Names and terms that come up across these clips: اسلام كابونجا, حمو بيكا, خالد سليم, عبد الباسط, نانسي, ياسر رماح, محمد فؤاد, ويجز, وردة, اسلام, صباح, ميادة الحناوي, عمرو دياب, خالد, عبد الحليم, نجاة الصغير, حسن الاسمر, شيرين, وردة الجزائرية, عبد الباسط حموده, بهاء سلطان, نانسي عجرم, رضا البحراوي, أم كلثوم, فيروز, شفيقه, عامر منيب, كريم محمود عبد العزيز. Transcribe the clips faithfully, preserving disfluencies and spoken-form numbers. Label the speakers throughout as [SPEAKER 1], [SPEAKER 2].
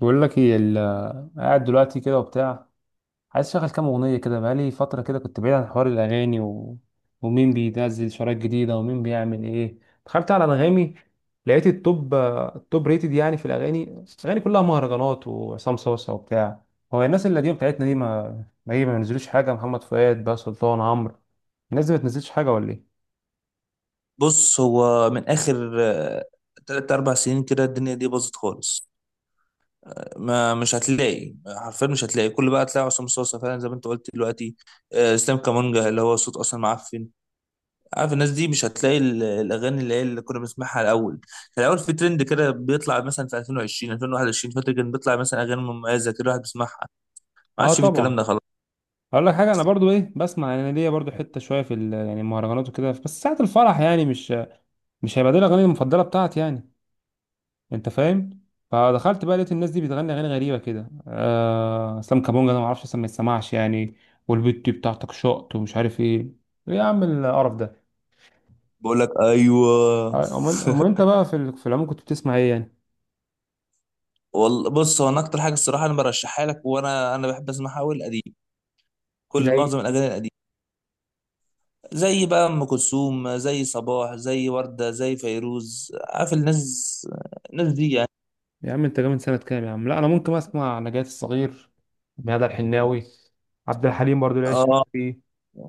[SPEAKER 1] بقول لك ايه ال- قاعد دلوقتي كده وبتاع. عايز اشغل كام اغنيه كده، بقالي فتره كده كنت بعيد عن حوار الاغاني و... ومين بينزل شرايط جديده ومين بيعمل ايه. دخلت على انغامي، لقيت التوب التوب ريتد يعني في الاغاني الاغاني كلها مهرجانات وعصام صوصه وبتاع. هو الناس القديمه بتاعتنا دي ما ما هي ما بينزلوش حاجه، محمد فؤاد بقى، سلطان، عمرو، الناس دي ما بتنزلش حاجه ولا ايه؟
[SPEAKER 2] بص هو من اخر آه، تلات اربع سنين كده الدنيا دي باظت خالص. ما مش هتلاقي حرفيا، مش هتلاقي كل بقى، هتلاقي عصام صاصا فعلا زي ما انت قلت دلوقتي. آه، اسلام كامونجا اللي هو صوت اصلا معفن. عارف الناس دي مش هتلاقي ال- الاغاني اللي هي اللي كنا بنسمعها الاول. كان الاول في ترند كده بيطلع مثلا في الفين وعشرين الفين وواحد وعشرين، فاكر كان بيطلع مثلا اغاني مميزه كده الواحد بيسمعها. ما
[SPEAKER 1] اه،
[SPEAKER 2] عادش في
[SPEAKER 1] طبعا.
[SPEAKER 2] الكلام ده خلاص.
[SPEAKER 1] اقول لك حاجه، انا برضو ايه بسمع، انا ليا برضو حته شويه في ال- يعني المهرجانات وكده، بس ساعه الفرح يعني، مش مش هيبقى دي الاغاني المفضله بتاعتي يعني. انت فاهم. فدخلت بقى لقيت الناس دي بتغني اغاني غريبه كده، آه اسلام كابونجا ده ما اعرفش اسمه، ما يتسمعش يعني، والبت دي بتاعتك شقط ومش عارف ايه. ايه يا عم القرف ده؟
[SPEAKER 2] بقول لك ايوه.
[SPEAKER 1] آه، امال امال انت بقى في ال- في العموم كنت بتسمع ايه يعني؟
[SPEAKER 2] والله بص، هو انا اكتر حاجه الصراحه انا برشحها لك، وانا انا بحب اسمعها قوي القديم، كل
[SPEAKER 1] زي؟
[SPEAKER 2] معظم الاغاني القديمه. زي بقى ام كلثوم، زي صباح، زي ورده، زي فيروز، عارف الناس، الناس دي يعني.
[SPEAKER 1] يا عم انت جاي من سنه كام يا عم؟ لا، انا ممكن اسمع نجاة الصغير، ميادة الحناوي، عبد الحليم برضو اللي عايش
[SPEAKER 2] اه،
[SPEAKER 1] فيه.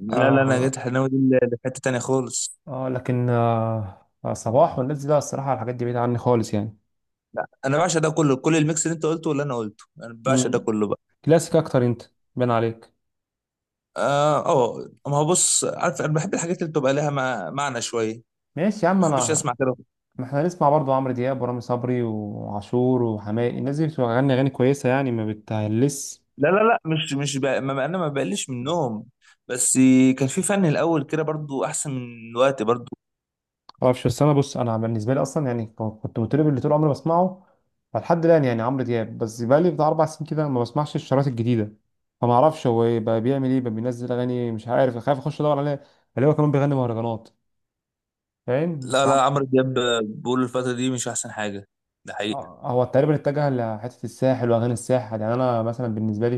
[SPEAKER 2] لا لا انا
[SPEAKER 1] آه.
[SPEAKER 2] جيت حناوي دي ل- لحته تانية خالص.
[SPEAKER 1] آه لكن آه آه، صباح والناس دي لا، الصراحه الحاجات دي بعيده عني خالص يعني.
[SPEAKER 2] انا بعشق ده كله، كل الميكس اللي انت قلته واللي انا قلته انا بعشق ده
[SPEAKER 1] مم.
[SPEAKER 2] كله بقى.
[SPEAKER 1] كلاسيك اكتر انت، بان عليك.
[SPEAKER 2] اه اه، ما هو بص، عارف انا بحب الحاجات اللي بتبقى لها مع- معنى شويه،
[SPEAKER 1] ماشي يا عم
[SPEAKER 2] ما بحبش
[SPEAKER 1] انا،
[SPEAKER 2] اسمع كده.
[SPEAKER 1] ما احنا نسمع برضه عمرو دياب ورامي صبري وعاشور وحماقي، الناس دي بتغني اغاني كويسه يعني، ما بتهلس.
[SPEAKER 2] لا لا لا، مش مش بقى، ما انا ما بقلش منهم، بس كان في فن الاول كده برضو احسن من دلوقتي برضو.
[SPEAKER 1] معرفش، بس انا بص، انا بالنسبه لي اصلا يعني، ك- كنت مطرب اللي طول عمري بسمعه، فلحد الان يعني عمرو دياب بس، بقى لي بتاع اربع سنين كده ما بسمعش الشرايط الجديده، فما اعرفش هو إيه بقى، بيعمل ايه بقى، بينزل اغاني مش عارف، خايف اخش ادور عليه اللي هو كمان بيغني مهرجانات. فاهم؟ بس.
[SPEAKER 2] لا لا، عمرو دياب بقول الفتره دي مش احسن حاجه، ده حقيقي.
[SPEAKER 1] اه، هو تقريبا اتجه لحتة الساحل وأغاني الساحل، يعني أنا مثلا بالنسبة لي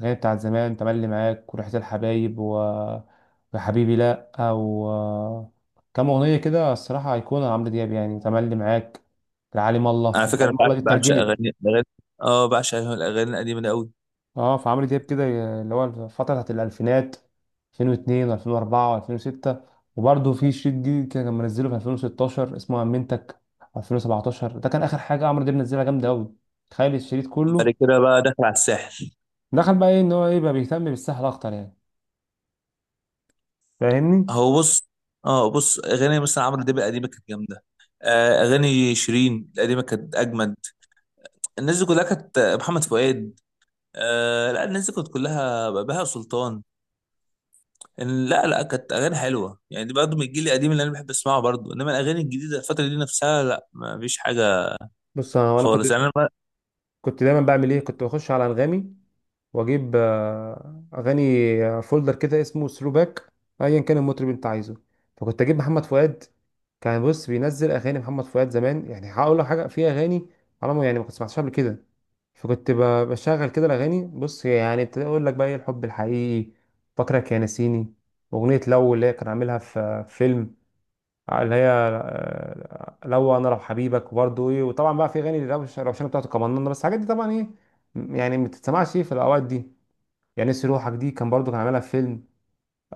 [SPEAKER 1] الأغاني بتاعت زمان، تملي معاك وريحة الحبايب و... وحبيبي لأ، أو كام أغنية كده الصراحة أيقونة عمرو دياب يعني، تملي معاك، العالم الله،
[SPEAKER 2] على فكره انا
[SPEAKER 1] العالم الله
[SPEAKER 2] بع-
[SPEAKER 1] دي
[SPEAKER 2] بعشق
[SPEAKER 1] اترجمت.
[SPEAKER 2] اغاني الاغاني، اه بعشق الاغاني القديمه دي قوي.
[SPEAKER 1] اه، فعمرو دياب كده اللي هو الفترة بتاعت الألفينات، ألفين واتنين و2004 و2006، وبرضه في شريط جديد كده كان منزله في ألفين وستاشر اسمه أمنتك، ألفين وسبعتاشر ده كان آخر حاجة عمرو دياب نزلها جامدة أوي. تخيل الشريط
[SPEAKER 2] بعد
[SPEAKER 1] كله.
[SPEAKER 2] كده بقى داخل على الساحل.
[SPEAKER 1] دخل بقى ايه، ان هو ايه بقى بيهتم بالسحر اكتر يعني. فاهمني؟
[SPEAKER 2] هو بص، اه بص اغاني مثلا عمرو دياب القديمه كانت جامده. آه اغاني شيرين القديمه كانت اجمد. الناس دي كلها كانت محمد فؤاد. آه لا، الناس دي كانت كلها بهاء سلطان. إن- لا لا، كانت اغاني حلوه يعني، دي برضه من الجيل القديم اللي انا بحب اسمعه برضه، انما الاغاني الجديده الفتره دي نفسها لا، ما فيش حاجه
[SPEAKER 1] بص انا، وأنا كنت
[SPEAKER 2] خالص يعني. انا ما-
[SPEAKER 1] كنت دايما بعمل ايه، كنت بخش على انغامي واجيب آه، اغاني، آه، فولدر كده اسمه ثرو باك، ايا كان المطرب اللي انت عايزه، فكنت اجيب محمد فؤاد. كان بص بينزل اغاني محمد فؤاد زمان، يعني هقول لك حاجه في اغاني على ما يعني، ما كنت سمعتهاش قبل كده. فكنت ب- بشغل كده الاغاني، بص يعني ابتدي اقول لك بقى ايه، الحب الحقيقي، فاكرك يا نسيني، اغنيه لو اللي هي كان عاملها في في فيلم اللي هي آه، لو انا، لو حبيبك، وبرضه ايه، وطبعا بقى في اغاني روش- روشانه بتاعته كمان، بس الحاجات دي طبعا ايه، م- يعني ما بتتسمعش ايه في الاوقات دي يعني، نسي روحك دي كان برضه كان عاملها في فيلم.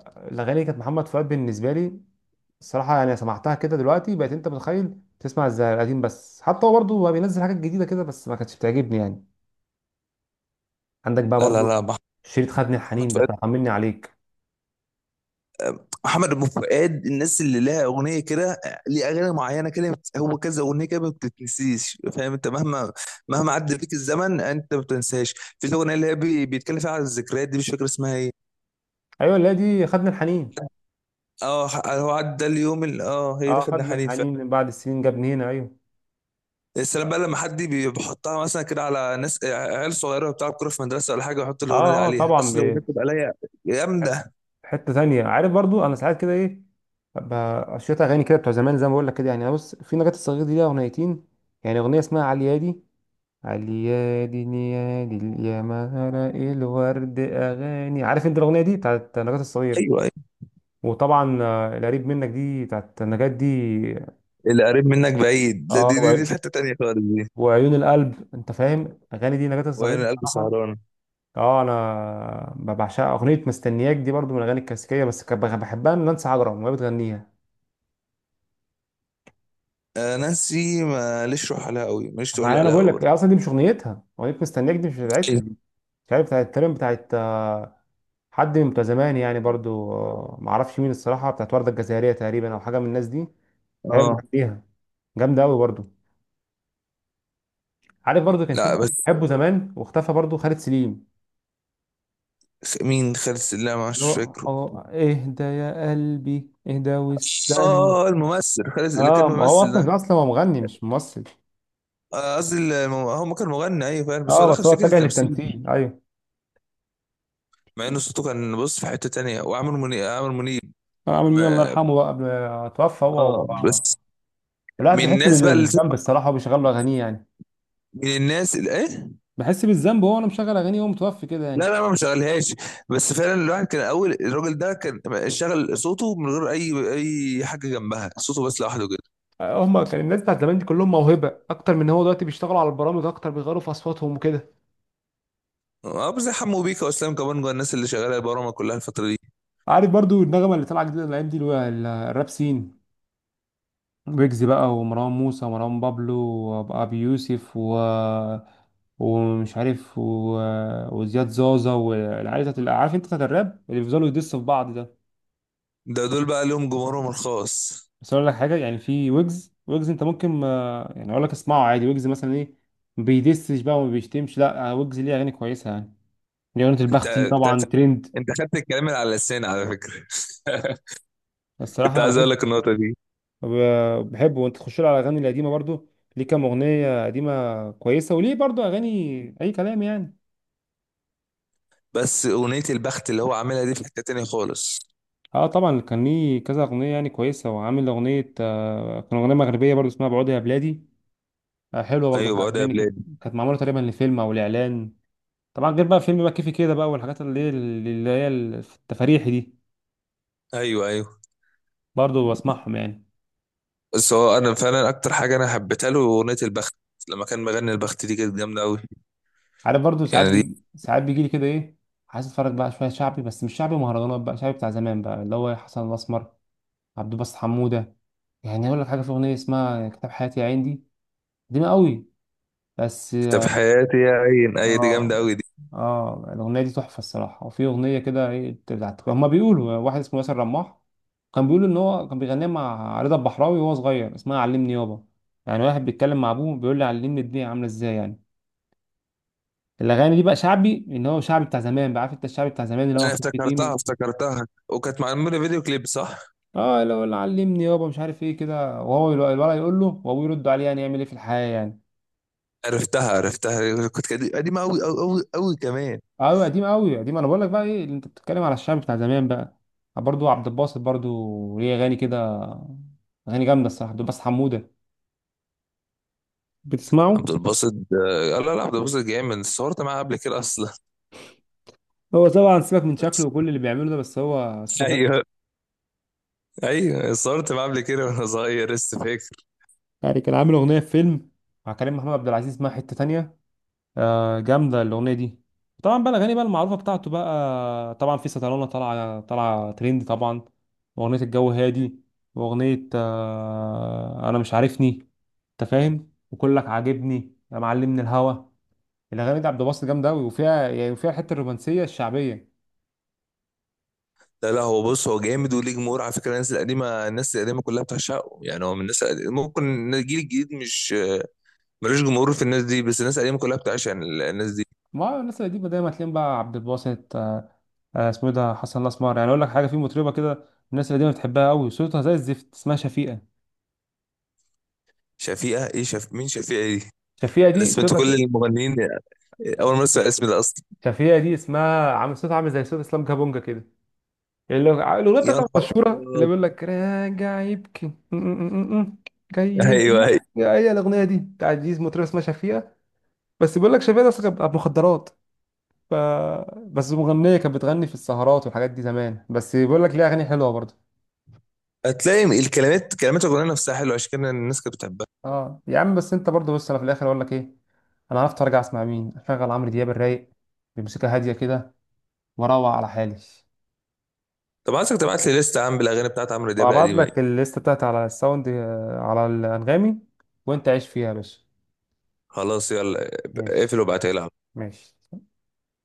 [SPEAKER 1] الاغاني دي كانت محمد فؤاد بالنسبه لي الصراحه يعني، سمعتها كده دلوقتي بقيت انت متخيل تسمع زي القديم، بس حتى هو برضه بقى بينزل حاجات جديده كده بس ما كانتش بتعجبني يعني. عندك بقى
[SPEAKER 2] لا لا
[SPEAKER 1] برضه
[SPEAKER 2] لا.
[SPEAKER 1] شريط خدني
[SPEAKER 2] محمد
[SPEAKER 1] الحنين ده
[SPEAKER 2] فؤاد،
[SPEAKER 1] بتاع طمني عليك.
[SPEAKER 2] محمد ابو فؤاد، الناس اللي لها اغنيه كده، ليه اغاني معينه كده بت- هو كذا اغنيه كده ما بتتنسيش، فاهم انت؟ مهما مهما عدى بيك الزمن انت ما بتنساش. في الاغنيه اللي هي بي- بيتكلم فيها عن الذكريات دي، مش فاكر اسمها ايه.
[SPEAKER 1] ايوه، اللي هي دي خدني الحنين.
[SPEAKER 2] اه، ح- هو عدى اليوم اللي اه، هي دي
[SPEAKER 1] اه،
[SPEAKER 2] خدنا
[SPEAKER 1] خدني
[SPEAKER 2] حنين فعلا.
[SPEAKER 1] الحنين من بعد السنين جابني هنا، ايوه.
[SPEAKER 2] السلام بقى لما حد بي- بيحطها مثلا كده على ناس عيال صغيره بتلعب كوره في مدرسه ولا حاجه ويحط
[SPEAKER 1] اه،
[SPEAKER 2] الاغنيه دي
[SPEAKER 1] اه،
[SPEAKER 2] عليها،
[SPEAKER 1] طبعا.
[SPEAKER 2] اصل الاغنيه بتبقى ليا جامده.
[SPEAKER 1] حته تانية، عارف برضو انا ساعات كده ايه، ببقى شويه اغاني كده بتوع زمان زي ما بقول لك كده يعني، أنا بص في نجاة الصغير دي لها اغنيتين، يعني اغنيه اسمها عليادي، عليادي نيادي يا مهر الورد، اغاني عارف انت الاغنيه دي بتاعت نجاة الصغير.
[SPEAKER 2] ايوه، أيوة.
[SPEAKER 1] وطبعا آه، القريب منك دي بتاعت نجاة دي.
[SPEAKER 2] اللي قريب منك بعيد ده-
[SPEAKER 1] اه،
[SPEAKER 2] دي دي,
[SPEAKER 1] وع-
[SPEAKER 2] دي في حته تانيه خالص دي.
[SPEAKER 1] وعيون القلب، انت فاهم، اغاني دي نجاة الصغير
[SPEAKER 2] وعين القلب
[SPEAKER 1] بصراحه.
[SPEAKER 2] سهران.
[SPEAKER 1] اه، انا بعشقها، اغنيه مستنياك دي برضو من الاغاني الكلاسيكيه، بس كنت بحبها من نانسي عجرم وهي بتغنيها
[SPEAKER 2] آه، نانسي ماليش روح عليها قوي، ماليش تقول
[SPEAKER 1] معايا. انا
[SPEAKER 2] عليها
[SPEAKER 1] بقول
[SPEAKER 2] قوي
[SPEAKER 1] لك هي
[SPEAKER 2] برضه.
[SPEAKER 1] اصلا دي مش اغنيتها، اغنيه مستنياك دي مش بتاعتها
[SPEAKER 2] إيه؟
[SPEAKER 1] دي، مش عارف، بتاعت تقريبا، بتاعت آه، حد من بتوع زمان يعني برضو، آه، ما اعرفش مين الصراحه، بتاعت ورده الجزائريه تقريبا، او حاجه من الناس دي، هي اللي
[SPEAKER 2] اه
[SPEAKER 1] بتغنيها، جامده قوي برضو. عارف برضو كان في
[SPEAKER 2] لا
[SPEAKER 1] مطرب
[SPEAKER 2] بس،
[SPEAKER 1] بحبه زمان واختفى برضو، خالد سليم،
[SPEAKER 2] خ- مين خالد؟ لا
[SPEAKER 1] اللي
[SPEAKER 2] مش
[SPEAKER 1] هو،
[SPEAKER 2] فاكره.
[SPEAKER 1] هو اهدى يا قلبي، اهدى واستنى.
[SPEAKER 2] اه، الممثل خالد اللي كان
[SPEAKER 1] اه، ما هو
[SPEAKER 2] ممثل
[SPEAKER 1] اصلا كان
[SPEAKER 2] ده.
[SPEAKER 1] اصلا هو مغني مش ممثل.
[SPEAKER 2] آه، قصدي الم- هو ما كان مغني، ايوه فعلا بس
[SPEAKER 1] اه،
[SPEAKER 2] هو دخل
[SPEAKER 1] بس
[SPEAKER 2] في
[SPEAKER 1] هو
[SPEAKER 2] سكه
[SPEAKER 1] اتجه
[SPEAKER 2] التمثيل.
[SPEAKER 1] للتمثيل، ايوه.
[SPEAKER 2] مع ان صوته كان بص في حته تانية. وعامر منيب عامر منيب. قبل
[SPEAKER 1] عامل مين الله
[SPEAKER 2] ما
[SPEAKER 1] يرحمه بقى قبل ما توفى هو،
[SPEAKER 2] اه بس.
[SPEAKER 1] الواحد
[SPEAKER 2] من
[SPEAKER 1] بيحس
[SPEAKER 2] الناس بقى اللي تسمع،
[SPEAKER 1] بالذنب الصراحه وبيشغل له اغانيه يعني،
[SPEAKER 2] من الناس اللي ايه.
[SPEAKER 1] بحس بالذنب وهو انا مشغل اغاني وهو متوفي كده
[SPEAKER 2] لا
[SPEAKER 1] يعني.
[SPEAKER 2] لا، ما مشغلهاش. بس فعلا الواحد كان اول، الراجل ده كان شغل صوته من غير اي، اي حاجه جنبها، صوته بس لوحده كده.
[SPEAKER 1] هما كان الناس بتاعت زمان دي كلهم موهبه اكتر من هو دلوقتي، بيشتغلوا على البرامج اكتر، بيغيروا في اصواتهم وكده.
[SPEAKER 2] اه بس زي حمو بيكا واسلام كمان جوه الناس اللي شغاله البرامج كلها الفتره دي.
[SPEAKER 1] عارف برضو النغمه اللي طالعه جديده الايام دي اللي هو ال- الراب سين، ويجز بقى، ومروان موسى، ومروان بابلو، وابي يوسف و... ومش عارف و... وزياد زازا، والعيال بتاعت، عارف انت بتاعت الراب اللي بيفضلوا يدسوا في بعض ده.
[SPEAKER 2] ده دول بقى لهم جمهورهم الخاص.
[SPEAKER 1] بس اقول لك حاجه، يعني في ويجز، ويجز انت ممكن ما يعني اقول لك اسمعه عادي، ويجز مثلا ايه، ما بيدسش بقى وما بيشتمش، لا، ويجز ليه اغاني كويسه يعني، ليه اغنيه
[SPEAKER 2] انت
[SPEAKER 1] البختي
[SPEAKER 2] انت
[SPEAKER 1] طبعا ترند.
[SPEAKER 2] انت خدت الكلام اللي على لساني على فكره.
[SPEAKER 1] الصراحه
[SPEAKER 2] كنت
[SPEAKER 1] انا
[SPEAKER 2] عايز
[SPEAKER 1] بحب،
[SPEAKER 2] اقول لك النقطه دي.
[SPEAKER 1] ب- بحبه وانت تخش له على الاغاني القديمه برضو، ليه كام اغنيه قديمه كويسه، وليه برضو اغاني اي كلام يعني.
[SPEAKER 2] بس اغنيه البخت اللي هو عاملها دي في حته تانيه خالص.
[SPEAKER 1] اه، طبعا كان ليه كذا اغنيه يعني كويسه، وعامل اغنيه آه كان اغنيه مغربيه برضو اسمها بعودي يا بلادي، آه حلوه برضو، كانت
[SPEAKER 2] ايوه بقى يا
[SPEAKER 1] عجباني، كانت
[SPEAKER 2] بلاد.
[SPEAKER 1] كانت معموله تقريبا لفيلم او لاعلان. طبعا غير بقى فيلم بقى كيفي كده بقى، والحاجات اللي هي اللي هي التفاريحي دي،
[SPEAKER 2] ايوه ايوه.
[SPEAKER 1] برضه بسمعهم يعني.
[SPEAKER 2] بس هو انا فعلا اكتر حاجه انا حبيتها له اغنيه البخت، لما كان مغني البخت دي كانت جامده قوي.
[SPEAKER 1] عارف برضه ساعات
[SPEAKER 2] يعني دي
[SPEAKER 1] بي... ساعات بيجي لي كده ايه، عايز اتفرج بقى شويه شعبي، بس مش شعبي مهرجانات بقى، شعبي بتاع زمان بقى، اللي هو حسن الاسمر، عبد الباسط حموده. يعني اقول لك حاجه، في اغنيه اسمها كتاب حياتي يا عين دي، قديمه قوي بس.
[SPEAKER 2] كتاب حياتي يا عين، اي دي جامده
[SPEAKER 1] اه.
[SPEAKER 2] قوي دي.
[SPEAKER 1] اه، الاغنيه دي تحفه الصراحه. وفي اغنيه كده ايه بتاعت، هما بيقولوا واحد اسمه ياسر رماح، كان بيقول ان هو كان بيغنيها مع رضا البحراوي وهو صغير، اسمها علمني يابا، يعني واحد بيتكلم مع ابوه بيقول له علمني الدنيا عامله ازاي يعني. الاغاني دي بقى شعبي، ان هو شعبي بتاع زمان بقى، عارف انت الشعبي بتاع زمان اللي هو
[SPEAKER 2] انا
[SPEAKER 1] في
[SPEAKER 2] افتكرتها
[SPEAKER 1] القديمه.
[SPEAKER 2] افتكرتها، وكانت معموله فيديو كليب صح؟
[SPEAKER 1] اه، اللي هو اللي علمني يابا مش عارف ايه كده، وهو الو- الولد يقول له وابوه يرد عليه، يعني يعمل ايه في الحياه يعني.
[SPEAKER 2] عرفتها عرفتها، كنت قدي- قديمه قوي قوي قوي قوي كمان.
[SPEAKER 1] قوي قديم، قوي قديم. انا بقول لك بقى ايه، اللي انت بتتكلم على الشعب بتاع زمان بقى، برضو عبد الباسط برضو ليه اغاني كده، اغاني جامده الصراحه، عبد الباسط حموده، بتسمعه؟
[SPEAKER 2] عبد الباسط، آه، لا لا، عبد الباسط جامد، صورت معاه قبل كده اصلا.
[SPEAKER 1] هو طبعا سيبك من شكله وكل اللي بيعمله ده، بس هو صوته حلو.
[SPEAKER 2] ايوه ايوه، صورت معاه قبل كده وانا صغير لسه فاكر.
[SPEAKER 1] يعني كان عامل اغنيه في فيلم مع كريم محمود عبد العزيز اسمها حته تانية، آه جامده الاغنيه دي. طبعا بقى الاغاني بقى المعروفه بتاعته بقى طبعا، في سطرانه، طالعه طالعه ترند طبعا، واغنيه الجو هادي، واغنيه آه انا مش عارفني، انت فاهم، وكلك عاجبني يا معلم من الهوا. الاغاني دي عبد الباسط جامده قوي، وفيها يعني فيها الحته الرومانسيه الشعبيه.
[SPEAKER 2] لا لا، هو بص هو جامد وليه جمهور على فكره، الناس القديمه، الناس القديمه كلها بتعشقه، يعني هو من الناس القديمة. ممكن الجيل الجديد مش آه، ملوش جمهور في الناس دي، بس الناس القديمه كلها بتعشق ال- الناس دي.
[SPEAKER 1] ما هو الناس القديمه دايما تلاقيهم بقى عبد الباسط، آه، اسمه ايه ده، حسن الاسمر. يعني اقول لك حاجه، في مطربه كده الناس القديمه بتحبها قوي صوتها زي الزفت اسمها شفيقه.
[SPEAKER 2] شفيقه ايه؟ شف مين شفيقه دي؟
[SPEAKER 1] شفيقه
[SPEAKER 2] انا
[SPEAKER 1] دي
[SPEAKER 2] سمعت
[SPEAKER 1] صوتها
[SPEAKER 2] كل
[SPEAKER 1] كده-
[SPEAKER 2] المغنيين، اول مره اسمع الاسم ده اصلا.
[SPEAKER 1] شفيقه دي اسمها، عامل صوتها عامل زي صوت اسلام كابونجا كده، اللي هو- الاغنيه
[SPEAKER 2] يا
[SPEAKER 1] بتاعتها
[SPEAKER 2] نهار
[SPEAKER 1] المشهوره اللي
[SPEAKER 2] ابيض.
[SPEAKER 1] بيقول لك راجع يبكي م- م- م- م- جاي
[SPEAKER 2] ايوه،
[SPEAKER 1] يبكي.
[SPEAKER 2] أيوه.
[SPEAKER 1] هي الاغنيه دي بتاعت دي مطربه اسمها شفيقه، بس بيقول لك شفيقه ده اصلا كانت بتاعت مخدرات، ف... بس مغنية كانت بتغني في السهرات والحاجات دي زمان، بس بيقول لك ليها أغاني حلوة برضه.
[SPEAKER 2] هتلاقي الكلمات، كلمات الأغنية نفسها حلوة عشان كده الناس كانت بتحبها.
[SPEAKER 1] اه يا عم، بس أنت برضه بص، أنا في الآخر أقول لك إيه، أنا عرفت أرجع أسمع مين، أشغل عمرو دياب الرايق بموسيقى هادية كده، وأروق على حالي،
[SPEAKER 2] طب عايزك تبعت لي لستة يا عم بالأغاني بتاعت عمرو دياب
[SPEAKER 1] وأبعت
[SPEAKER 2] القديمة دي.
[SPEAKER 1] لك الليستة بتاعتي على الساوند، آه، على الأنغامي، وأنت عيش فيها يا باشا.
[SPEAKER 2] خلاص يلا،
[SPEAKER 1] ماشي.
[SPEAKER 2] اقفل وابعتها لي.
[SPEAKER 1] ماشي.